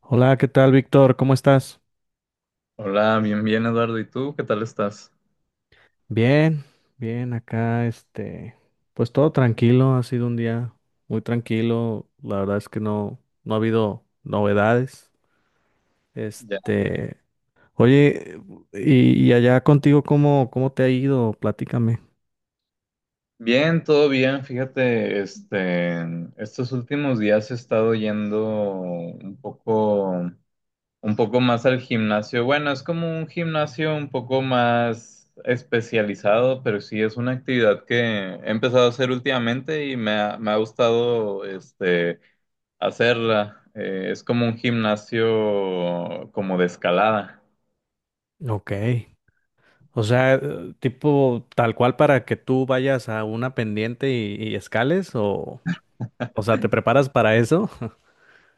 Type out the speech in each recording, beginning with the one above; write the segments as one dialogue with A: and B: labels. A: Hola, ¿qué tal, Víctor? ¿Cómo estás?
B: Hola, bien, bien, Eduardo. ¿Y tú? ¿Qué tal estás?
A: Bien, bien, acá, pues todo tranquilo, ha sido un día muy tranquilo, la verdad es que no ha habido novedades.
B: Ya.
A: Este, Oye, y allá contigo, ¿cómo te ha ido? Platícame.
B: Bien, todo bien. Fíjate, estos últimos días he estado yendo un poco, un poco más al gimnasio. Bueno, es como un gimnasio un poco más especializado, pero sí es una actividad que he empezado a hacer últimamente y me ha gustado, hacerla. Es como un gimnasio como de escalada.
A: Ok. O sea, tipo tal cual para que tú vayas a una pendiente y escales, o sea, ¿te preparas para eso?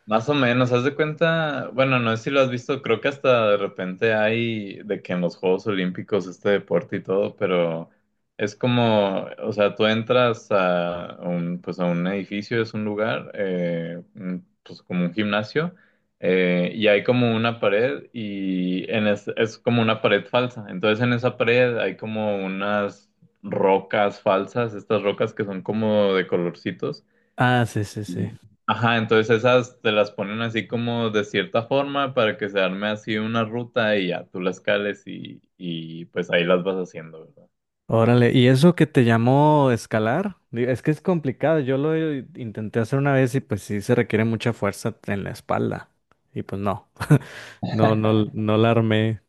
B: Más o menos, haz de cuenta, bueno, no sé si lo has visto, creo que hasta de repente hay de que en los Juegos Olímpicos este deporte y todo, pero es como, o sea, tú entras a un, pues a un edificio, es un lugar, pues como un gimnasio, y hay como una pared y es como una pared falsa, entonces en esa pared hay como unas rocas falsas, estas rocas que son como de colorcitos.
A: Ah, sí, sí, sí.
B: Y- Ajá, entonces esas te las ponen así como de cierta forma para que se arme así una ruta y ya tú las cales y pues ahí las vas haciendo, ¿verdad?
A: Órale, ¿y eso que te llamó escalar? Digo, es que es complicado, yo lo intenté hacer una vez y pues sí se requiere mucha fuerza en la espalda. Y pues no, no, no, no la armé.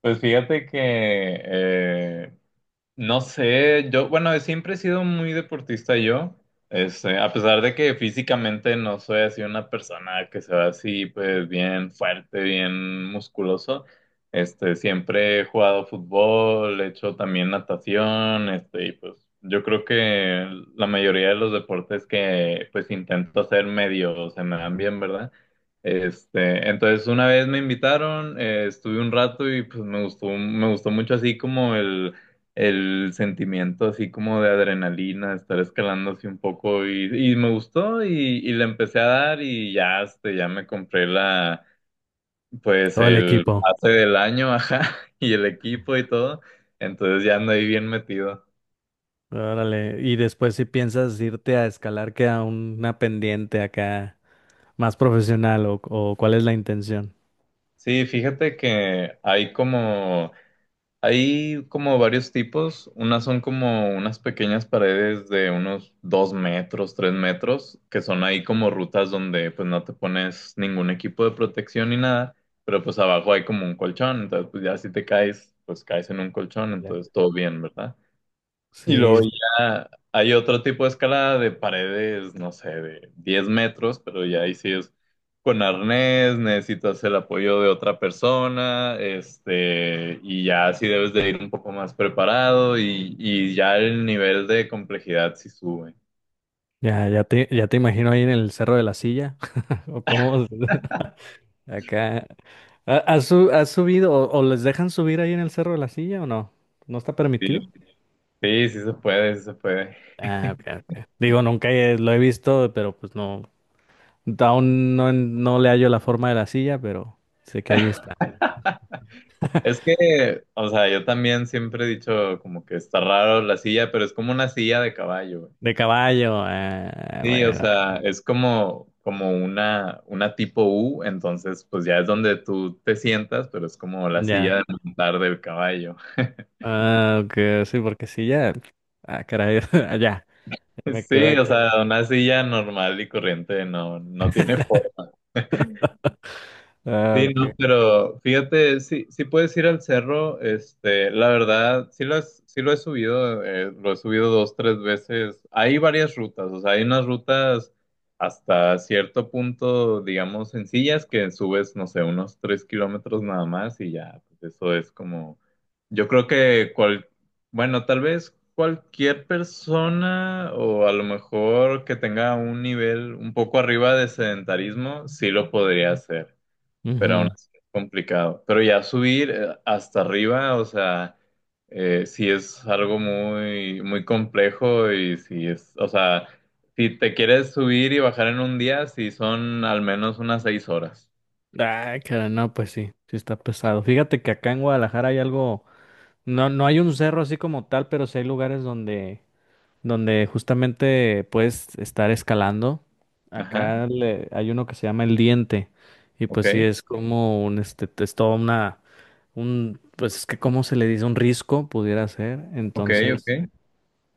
B: Pues fíjate que no sé, yo, bueno, siempre he sido muy deportista yo, a pesar de que físicamente no soy así una persona que se ve así, pues bien fuerte, bien musculoso, siempre he jugado fútbol, he hecho también natación, y pues yo creo que la mayoría de los deportes que pues intento hacer medio se me dan bien, ¿verdad? Entonces una vez me invitaron, estuve un rato y pues me gustó mucho así como el sentimiento así como de adrenalina, de estar escalando así un poco y me gustó y le empecé a dar y ya, ya me compré pues
A: Todo el
B: el
A: equipo.
B: pase del año, ajá, y el equipo y todo, entonces ya ando ahí bien metido.
A: Órale, y después si piensas irte a escalar que a una pendiente acá más profesional o cuál es la intención.
B: Sí, fíjate que hay como varios tipos. Unas son como unas pequeñas paredes de unos 2 metros, 3 metros, que son ahí como rutas donde pues no te pones ningún equipo de protección ni nada, pero pues abajo hay como un colchón, entonces pues ya si te caes, pues caes en un colchón,
A: Ya.
B: entonces todo bien, ¿verdad? Y
A: Sí,
B: luego
A: sí.
B: ya hay otro tipo de escalada de paredes, no sé, de 10 metros, pero ya ahí sí es con arnés, necesitas el apoyo de otra persona, y ya sí debes de ir un poco más preparado y ya el nivel de complejidad sí sube.
A: Ya te imagino ahí en el Cerro de la Silla o cómo. Acá. ¿Has subido o les dejan subir ahí en el Cerro de la Silla o no? ¿No está
B: Sí,
A: permitido?
B: sí, sí se puede, sí se puede.
A: Ah, ok, ok. Digo, nunca lo he visto, pero pues no. Aún no le hallo la forma de la silla, pero sé que ahí está.
B: Es que, o sea, yo también siempre he dicho como que está raro la silla, pero es como una silla de caballo.
A: De caballo, ah,
B: Sí, o
A: bueno,
B: sea, es como una tipo U, entonces pues ya es donde tú te sientas, pero es como la
A: ya.
B: silla de montar del caballo.
A: Ah, ok, sí, porque sí, ya. Ah, caray, ya me
B: Sí,
A: quedé
B: o
A: claro.
B: sea, una silla normal y corriente no, no tiene.
A: Ah,
B: Sí,
A: ok.
B: no, pero fíjate, sí, sí puedes ir al cerro, la verdad, sí lo he subido 2, 3 veces. Hay varias rutas, o sea, hay unas rutas hasta cierto punto, digamos, sencillas que subes, no sé, unos 3 kilómetros nada más y ya, pues eso es como, yo creo que bueno, tal vez cualquier persona o a lo mejor que tenga un nivel un poco arriba de sedentarismo, sí lo podría hacer, pero aún
A: Ujú.
B: así es complicado. Pero ya subir hasta arriba, o sea, sí es algo muy, muy complejo y sí es, o sea, si te quieres subir y bajar en un día, sí son al menos unas 6 horas.
A: Ah, caray, no, pues sí, sí está pesado. Fíjate que acá en Guadalajara hay algo. No, no hay un cerro así como tal, pero sí hay lugares donde justamente puedes estar escalando.
B: Ajá,
A: Acá hay uno que se llama El Diente. Y
B: ok,
A: pues sí, es como es toda pues es que cómo se le dice, un risco pudiera ser.
B: ok, ok,
A: Entonces,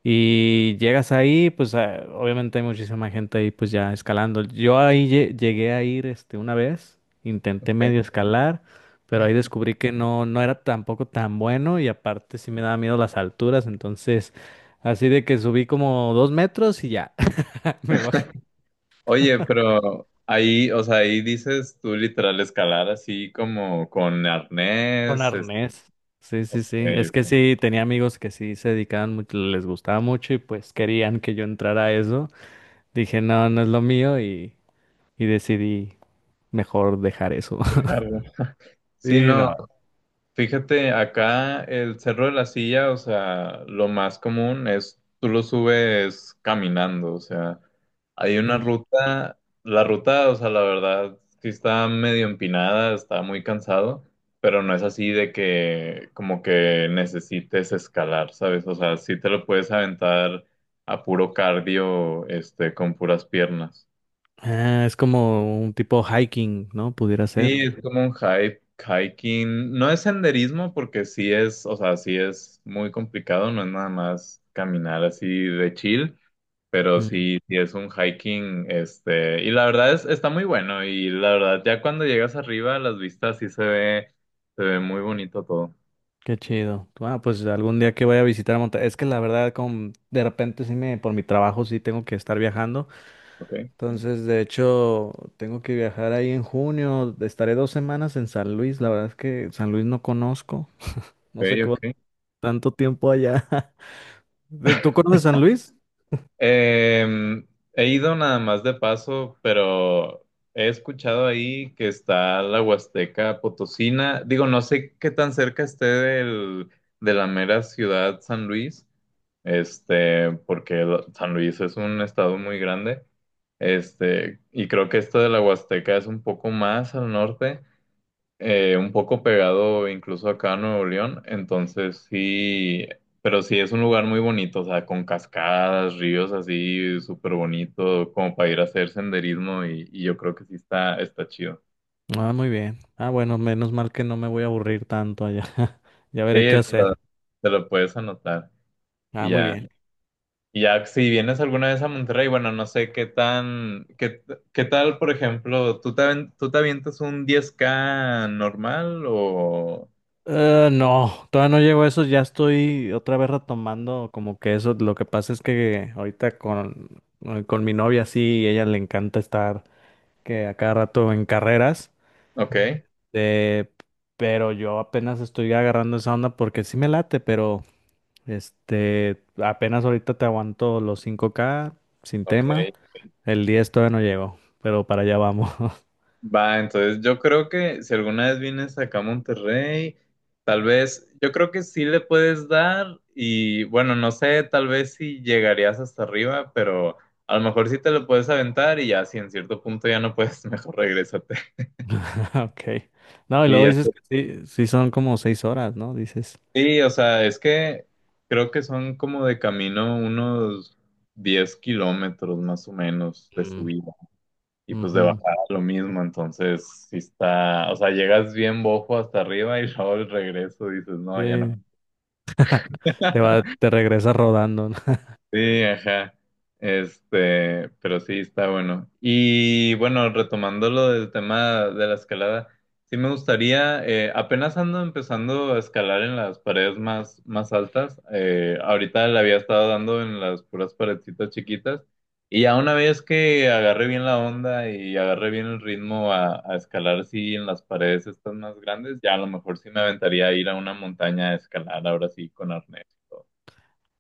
A: y llegas ahí, pues obviamente hay muchísima gente ahí pues ya escalando. Yo ahí llegué a ir una vez, intenté
B: ok.
A: medio escalar, pero ahí descubrí que no era tampoco tan bueno y aparte sí me daba miedo las alturas, entonces así de que subí como 2 metros y ya me bajé
B: Oye, pero ahí, o sea, ahí dices tú literal escalar así como con
A: con
B: arnés,
A: arnés. Sí, sí, sí. Es que
B: yo
A: sí, tenía amigos que sí se dedicaban mucho, les gustaba mucho y pues querían que yo entrara a eso. Dije, no, no es lo mío y decidí mejor dejar eso.
B: qué sé. Sí,
A: Sí,
B: no.
A: no.
B: Fíjate, acá el Cerro de la Silla, o sea, lo más común es tú lo subes caminando, o sea, hay una
A: Mm.
B: ruta, la ruta, o sea, la verdad, sí está medio empinada, está muy cansado, pero no es así de que como que necesites escalar, ¿sabes? O sea, sí te lo puedes aventar a puro cardio, con puras piernas.
A: Ah, es como un tipo hiking, ¿no? Pudiera ser.
B: Sí, es como un hiking, no es senderismo porque sí es, o sea, sí es muy complicado, no es nada más caminar así de chill, pero
A: Mm,
B: sí, sí es un hiking, y la verdad es, está muy bueno, y la verdad, ya cuando llegas arriba, las vistas sí se ve muy bonito todo.
A: qué chido. Ah, pues algún día que vaya a visitar Monterrey. Es que la verdad, de repente por mi trabajo sí tengo que estar viajando.
B: Ok,
A: Entonces, de hecho, tengo que viajar ahí en junio. Estaré 2 semanas en San Luis. La verdad es que San Luis no conozco. No sé
B: ok,
A: qué va
B: ok.
A: tanto tiempo allá. ¿Tú conoces San Luis?
B: Em, He ido nada más de paso, pero he escuchado ahí que está la Huasteca Potosina. Digo, no sé qué tan cerca esté de la mera ciudad San Luis, porque San Luis es un estado muy grande, y creo que esto de la Huasteca es un poco más al norte, un poco pegado incluso acá a Nuevo León, entonces sí, pero sí es un lugar muy bonito, o sea, con cascadas, ríos así, súper bonito, como para ir a hacer senderismo y yo creo que sí está chido.
A: Ah, muy bien. Ah, bueno, menos mal que no me voy a aburrir tanto allá. Ya
B: Sí,
A: veré qué
B: te lo,
A: hacer.
B: te lo puedes anotar
A: Ah,
B: y
A: muy
B: ya.
A: bien.
B: Y ya si vienes alguna vez a Monterrey, bueno, no sé qué tal, por ejemplo, ¿Tú te avientas un 10K normal o...?
A: No, todavía no llego a eso, ya estoy otra vez retomando como que eso, lo que pasa es que ahorita con mi novia sí, ella le encanta estar que a cada rato en carreras,
B: Ok,
A: eh, pero yo apenas estoy agarrando esa onda porque sí me late, pero apenas ahorita te aguanto los 5K sin
B: ok.
A: tema, el 10 todavía no llego, pero para allá vamos.
B: Va, entonces yo creo que si alguna vez vienes acá a Monterrey, tal vez, yo creo que sí le puedes dar y bueno, no sé, tal vez si llegarías hasta arriba, pero a lo mejor sí te lo puedes aventar, y ya si en cierto punto ya no puedes, mejor regrésate.
A: Ok. No, y
B: Y
A: luego
B: ya
A: dices
B: está.
A: que sí, sí son como 6 horas, ¿no? Dices.
B: Sí, o sea, es que creo que son como de camino unos 10 kilómetros más o menos de
A: Mm.
B: subida. Y pues de
A: Ujú.
B: bajada lo mismo, entonces si está, o sea, llegas bien bojo hasta arriba y luego el regreso dices,
A: Sí,
B: no, ya no.
A: te regresas rodando, ¿no?
B: Sí, ajá. Pero sí, está bueno. Y bueno, retomando lo del tema de la escalada, sí me gustaría, apenas ando empezando a escalar en las paredes más, más altas. Ahorita le había estado dando en las puras paredcitas chiquitas. Y ya una vez que agarre bien la onda y agarre bien el ritmo a escalar, sí, en las paredes estas más grandes, ya a lo mejor sí me aventaría a ir a una montaña a escalar, ahora sí, con arnés y todo.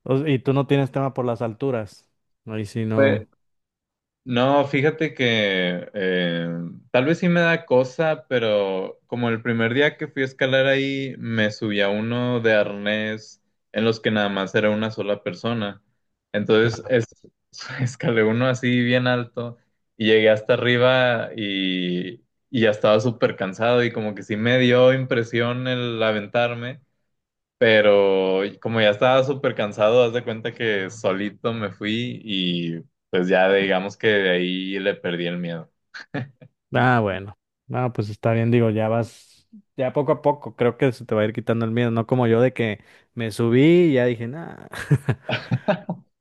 A: Y tú no tienes tema por las alturas. Ahí sí no.
B: No, fíjate que tal vez sí me da cosa, pero como el primer día que fui a escalar ahí, me subí a uno de arnés en los que nada más era una sola persona. Entonces
A: No.
B: escalé uno así bien alto y llegué hasta arriba y ya estaba súper cansado y como que sí me dio impresión el aventarme. Pero como ya estaba súper cansado, haz de cuenta que solito me fui y pues ya digamos que de ahí le perdí el miedo.
A: Ah, bueno. No, pues está bien, digo, ya vas, ya poco a poco, creo que se te va a ir quitando el miedo, no como yo de que me subí y ya dije, nada.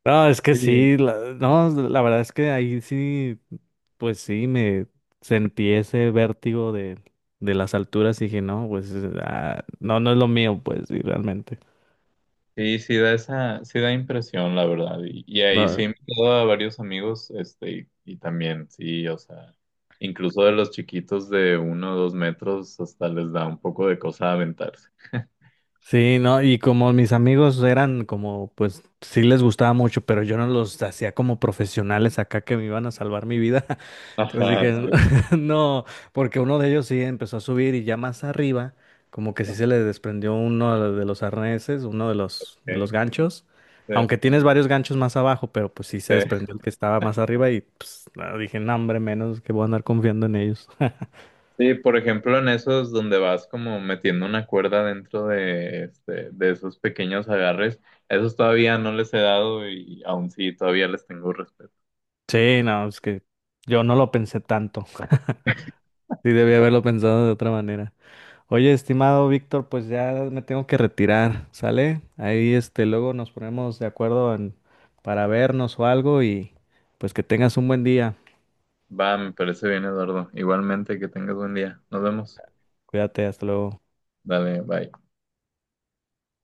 A: No, es que
B: Sí.
A: sí, no, la verdad es que ahí sí, pues sí, me sentí ese vértigo de las alturas y dije, no, pues ah, no, no es lo mío, pues sí, realmente.
B: Sí, sí da impresión, la verdad. Y ahí
A: No.
B: sí he invitado a varios amigos, y también, sí, o sea, incluso de los chiquitos de 1 o 2 metros, hasta les da un poco de cosa aventarse.
A: Sí, no, y como mis amigos eran como, pues sí les gustaba mucho, pero yo no los hacía como profesionales acá que me iban a salvar mi vida. Entonces
B: Ajá,
A: dije,
B: sí.
A: no, porque uno de ellos sí empezó a subir y ya más arriba, como que sí se
B: Ok,
A: le desprendió uno de los arneses, uno de los
B: sí,
A: ganchos. Aunque tienes varios ganchos más abajo, pero pues sí se
B: sí.
A: desprendió el que estaba más arriba y pues, no, dije, no, hombre, menos que voy a andar confiando en ellos.
B: Sí, por ejemplo, en esos donde vas como metiendo una cuerda dentro de esos pequeños agarres, esos todavía no les he dado y aún sí, todavía les tengo respeto.
A: Sí, no, es que yo no lo pensé tanto. Sí, debí haberlo pensado de otra manera. Oye, estimado Víctor, pues ya me tengo que retirar, ¿sale? Ahí luego nos ponemos de acuerdo para vernos o algo y pues que tengas un buen día.
B: Va, me parece bien, Eduardo. Igualmente, que tengas buen día. Nos vemos.
A: Cuídate, hasta luego.
B: Dale, bye.